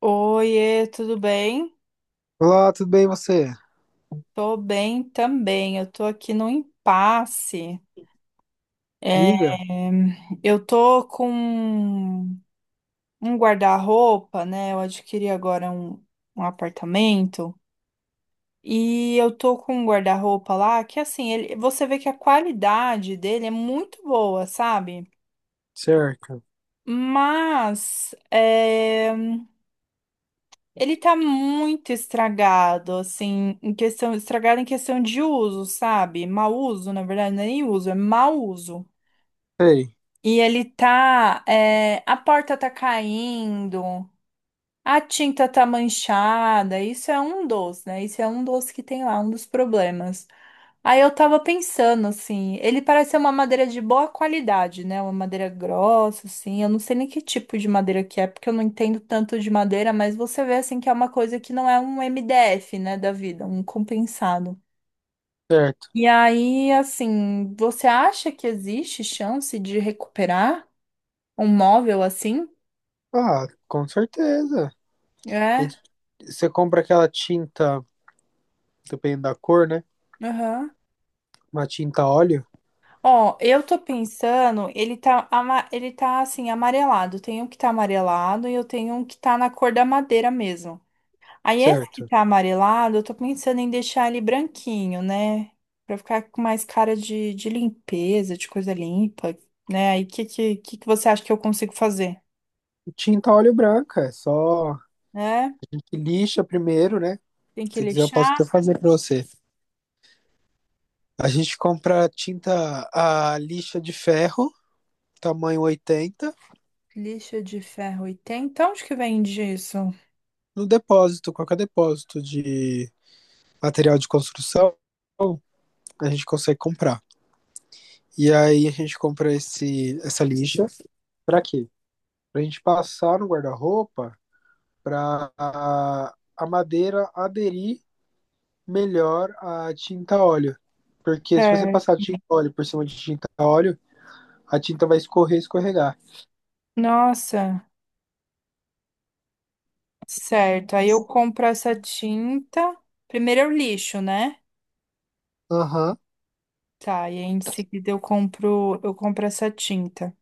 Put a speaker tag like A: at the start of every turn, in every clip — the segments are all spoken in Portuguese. A: Oiê, tudo bem?
B: Olá, tudo bem você?
A: Tô bem também. Eu tô aqui no impasse. É,
B: Diga.
A: eu tô com um guarda-roupa, né? Eu adquiri agora um apartamento e eu tô com um guarda-roupa lá que assim, ele, você vê que a qualidade dele é muito boa, sabe?
B: Certo.
A: Mas ele tá muito estragado, assim, em questão, estragado em questão de uso, sabe? Mau uso, na verdade, não é nem uso, é mau uso.
B: Sei.
A: E ele tá, é, a porta tá caindo, a tinta tá manchada, isso é um dos, né? Isso é um dos que tem lá, um dos problemas. Aí eu tava pensando, assim, ele parece ser uma madeira de boa qualidade, né? Uma madeira grossa, assim. Eu não sei nem que tipo de madeira que é, porque eu não entendo tanto de madeira, mas você vê, assim, que é uma coisa que não é um MDF, né, da vida, um compensado.
B: Certo.
A: E aí, assim, você acha que existe chance de recuperar um móvel assim?
B: Ah, com certeza. A
A: É,
B: gente- Você compra aquela tinta, dependendo da cor, né?
A: aham.
B: Uma tinta óleo,
A: Ó, eu tô pensando, ele tá, ele tá assim, amarelado. Tem um que tá amarelado e eu tenho um que tá na cor da madeira mesmo. Aí esse que
B: certo?
A: tá amarelado, eu tô pensando em deixar ele branquinho, né? Pra ficar com mais cara de limpeza, de coisa limpa, né? Aí o que que você acha que eu consigo fazer?
B: Tinta óleo branca, é só a
A: Né?
B: gente lixa primeiro, né?
A: Tem que
B: Se quiser, eu posso até
A: lixar?
B: fazer pra você. A gente compra tinta a lixa de ferro, tamanho 80,
A: Lixa de ferro e tem. Então, onde que vende isso?
B: no depósito, qualquer depósito de material de construção, a gente consegue comprar. E aí a gente compra essa lixa. Pra quê? Pra gente passar no guarda-roupa pra a madeira aderir melhor à tinta óleo. Porque se você
A: É.
B: passar tinta óleo por cima de tinta óleo, a tinta vai escorrer escorregar.
A: Nossa, certo. Aí eu compro essa tinta. Primeiro eu lixo, né?
B: Aham.
A: Tá, e aí em seguida eu compro essa tinta.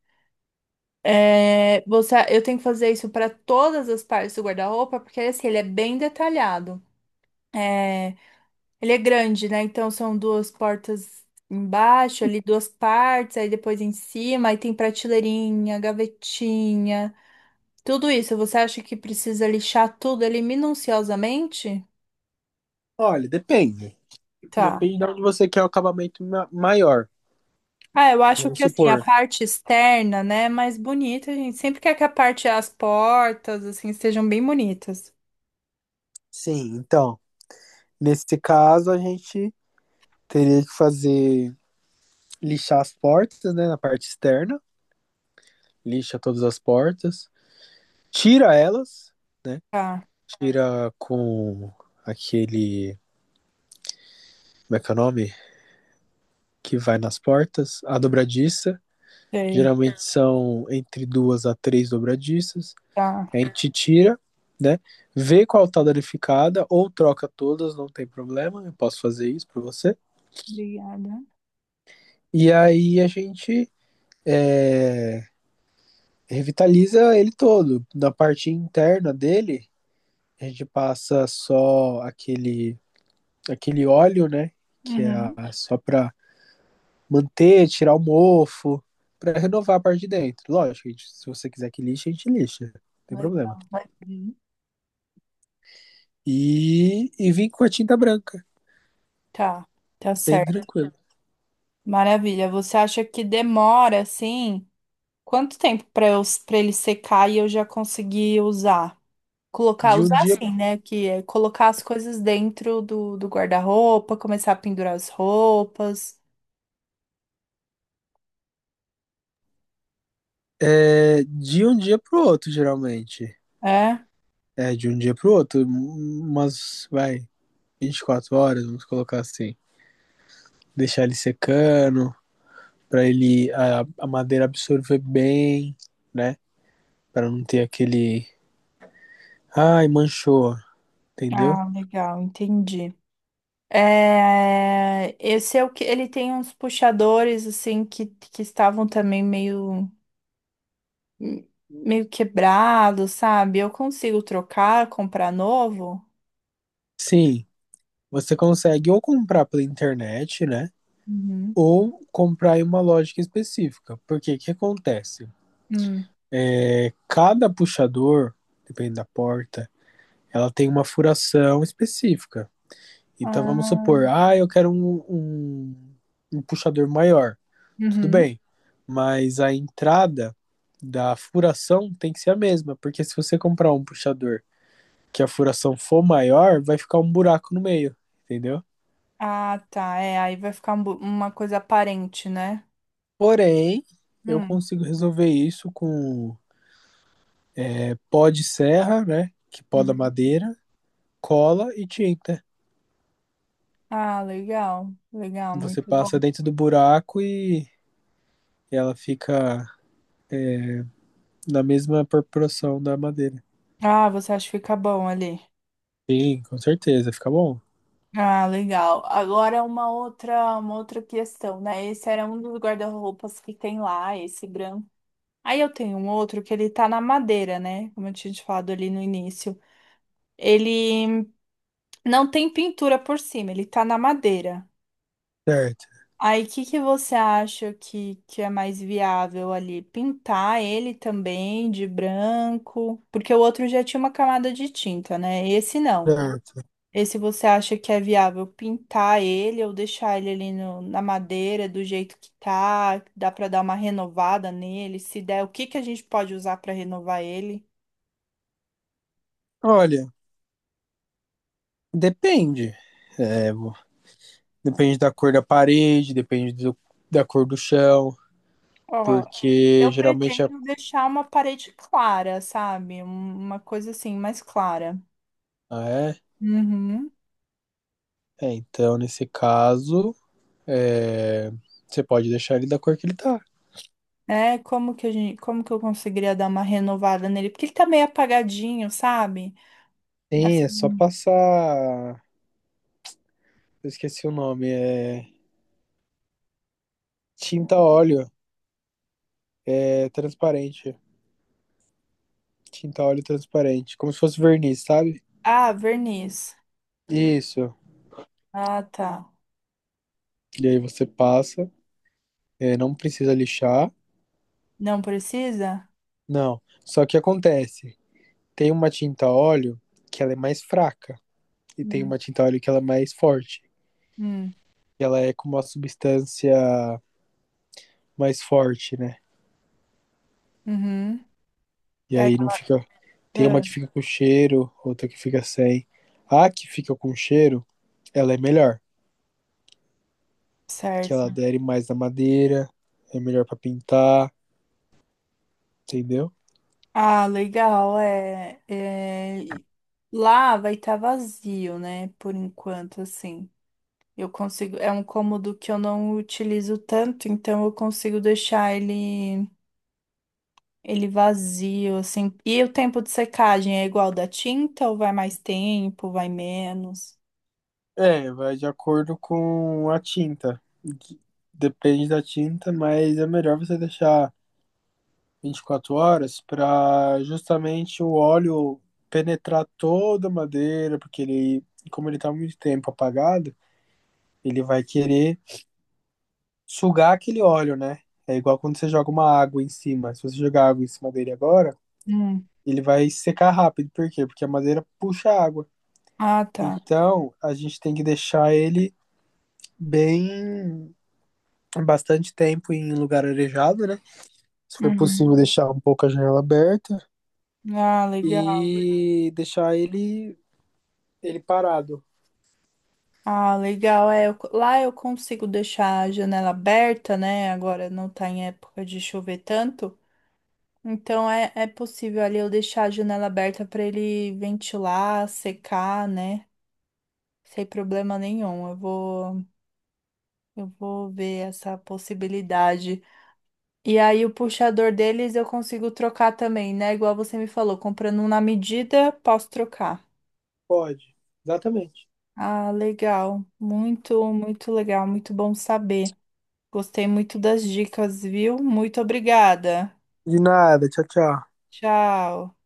A: É, você, eu tenho que fazer isso para todas as partes do guarda-roupa, porque assim, ele é bem detalhado. É, Ele é grande, né? Então são duas portas embaixo, ali duas partes, aí depois em cima, aí tem prateleirinha, gavetinha. Tudo isso, você acha que precisa lixar tudo ali minuciosamente?
B: Olha, depende.
A: Tá.
B: Depende de onde você quer o acabamento maior.
A: Ah, eu acho
B: Vamos
A: que assim, a
B: supor.
A: parte externa, né, é mais bonita, a gente sempre quer que a parte, as portas, assim, sejam bem bonitas.
B: Sim, então, nesse caso a gente teria que fazer lixar as portas, né, na parte externa lixa todas as portas, tira elas, né?
A: Tá,
B: Tira com aquele. Como é que é o nome? Que vai nas portas, a dobradiça.
A: sei,
B: Geralmente são entre duas a três dobradiças.
A: tá.
B: A gente tira, né? Vê qual tá danificada, ou troca todas, não tem problema, eu posso fazer isso pra você.
A: Obrigada.
B: E aí a gente é, revitaliza ele todo. Na parte interna dele, a gente passa só aquele óleo, né? Que é
A: Uhum.
B: só para manter, tirar o mofo, para renovar a parte de dentro. Lógico, se você quiser que lixe, a gente lixa, não tem problema.
A: Legal. Uhum.
B: E vim com a tinta branca,
A: Tá, tá
B: bem
A: certo.
B: tranquilo.
A: Maravilha. Você acha que demora assim? Quanto tempo para eu para ele secar e eu já conseguir usar? Colocar,
B: De um
A: usar
B: dia,
A: assim, né? Que é colocar as coisas dentro do, do guarda-roupa, começar a pendurar as roupas.
B: de um dia pro outro, geralmente.
A: É?
B: É, de um dia pro outro, 24 horas, vamos colocar assim. Deixar ele secando, para ele, a madeira absorver bem, né? Para não ter aquele, ai, manchou. Entendeu?
A: Ah, legal, entendi. É, esse é o que ele tem uns puxadores assim que estavam também meio. Meio quebrado, sabe? Eu consigo trocar, comprar novo?
B: Sim, você consegue ou comprar pela internet, né?
A: Uhum.
B: Ou comprar em uma lógica específica. Porque o que acontece?
A: Hum.
B: Cada puxador, depende da porta, ela tem uma furação específica. Então vamos
A: Ah,
B: supor, ah, eu quero um, um, um puxador maior. Tudo
A: uhum.
B: bem, mas a entrada da furação tem que ser a mesma, porque se você comprar um puxador que a furação for maior, vai ficar um buraco no meio, entendeu?
A: Ah, tá. É, aí vai ficar uma coisa aparente, né?
B: Porém, eu
A: Hum.
B: consigo resolver isso com pó de serra, né? Que poda
A: Uhum.
B: madeira, cola e tinta.
A: Ah, legal. Legal,
B: Você
A: muito
B: passa
A: bom.
B: dentro do buraco e ela fica na mesma proporção da madeira.
A: Ah, você acha que fica bom ali?
B: Sim, com certeza, fica bom.
A: Ah, legal. Agora uma outra questão, né? Esse era um dos guarda-roupas que tem lá, esse branco. Aí eu tenho um outro que ele tá na madeira, né? Como eu tinha te falado ali no início. Ele não tem pintura por cima, ele tá na madeira.
B: Certo,
A: Aí, o que você acha que é mais viável ali? Pintar ele também de branco? Porque o outro já tinha uma camada de tinta, né? Esse não.
B: certo.
A: Esse você acha que é viável pintar ele ou deixar ele ali na madeira do jeito que tá? Dá pra dar uma renovada nele? Se der, o que que a gente pode usar pra renovar ele?
B: Olha, depende. É, vo- depende da cor da parede, da cor do chão,
A: Ó,
B: porque
A: eu
B: geralmente.
A: pretendo deixar uma parede clara, sabe? Uma coisa assim, mais clara.
B: Ah,
A: Uhum.
B: é? É, então, nesse caso, é, você pode deixar ele da cor que ele tá.
A: É, como que eu conseguiria dar uma renovada nele? Porque ele tá meio apagadinho, sabe?
B: Sim, é só
A: Assim,
B: passar. Eu esqueci o nome. É tinta óleo. É transparente. Tinta óleo transparente. Como se fosse verniz, sabe?
A: ah, verniz.
B: Isso.
A: Ah, tá.
B: E aí você passa. É, não precisa lixar.
A: Não precisa?
B: Não. Só que acontece. Tem uma tinta óleo que ela é mais fraca. E tem
A: Hum.
B: uma tinta óleo que ela é mais forte.
A: Hum.
B: E ela é com uma substância mais forte, né?
A: Uhum.
B: E
A: Aí,
B: aí não fica. Tem uma
A: ah,
B: que fica com cheiro, outra que fica sem. A que fica com cheiro, ela é melhor. Que ela
A: certo.
B: adere mais na madeira, é melhor pra pintar, entendeu?
A: Ah, legal. É, é... Lá vai estar vazio, né? Por enquanto, assim. Eu consigo. É um cômodo que eu não utilizo tanto, então eu consigo deixar ele. Ele vazio, assim. E o tempo de secagem é igual da tinta ou vai mais tempo, vai menos?
B: É, vai de acordo com a tinta. Depende da tinta, mas é melhor você deixar 24 horas pra justamente o óleo penetrar toda a madeira, porque ele, como ele tá há muito tempo apagado, ele vai querer sugar aquele óleo, né? É igual quando você joga uma água em cima. Se você jogar água em cima dele agora,
A: Hum.
B: ele vai secar rápido. Por quê? Porque a madeira puxa a água.
A: Ah, tá.
B: Então, a gente tem que deixar ele bem bastante tempo em lugar arejado, né? Se for
A: Uhum.
B: possível, deixar um pouco a janela aberta
A: Ah, legal.
B: e deixar ele parado.
A: Ah, legal. Lá eu consigo deixar a janela aberta, né? Agora não tá em época de chover tanto. Então é, é possível ali eu deixar a janela aberta para ele ventilar, secar, né? Sem problema nenhum. Eu vou ver essa possibilidade. E aí, o puxador deles eu consigo trocar também, né? Igual você me falou, comprando um na medida, posso trocar.
B: Pode. Exatamente.
A: Ah, legal. Muito, muito legal. Muito bom saber. Gostei muito das dicas, viu? Muito obrigada.
B: De nada. Tchau, tchau.
A: Tchau.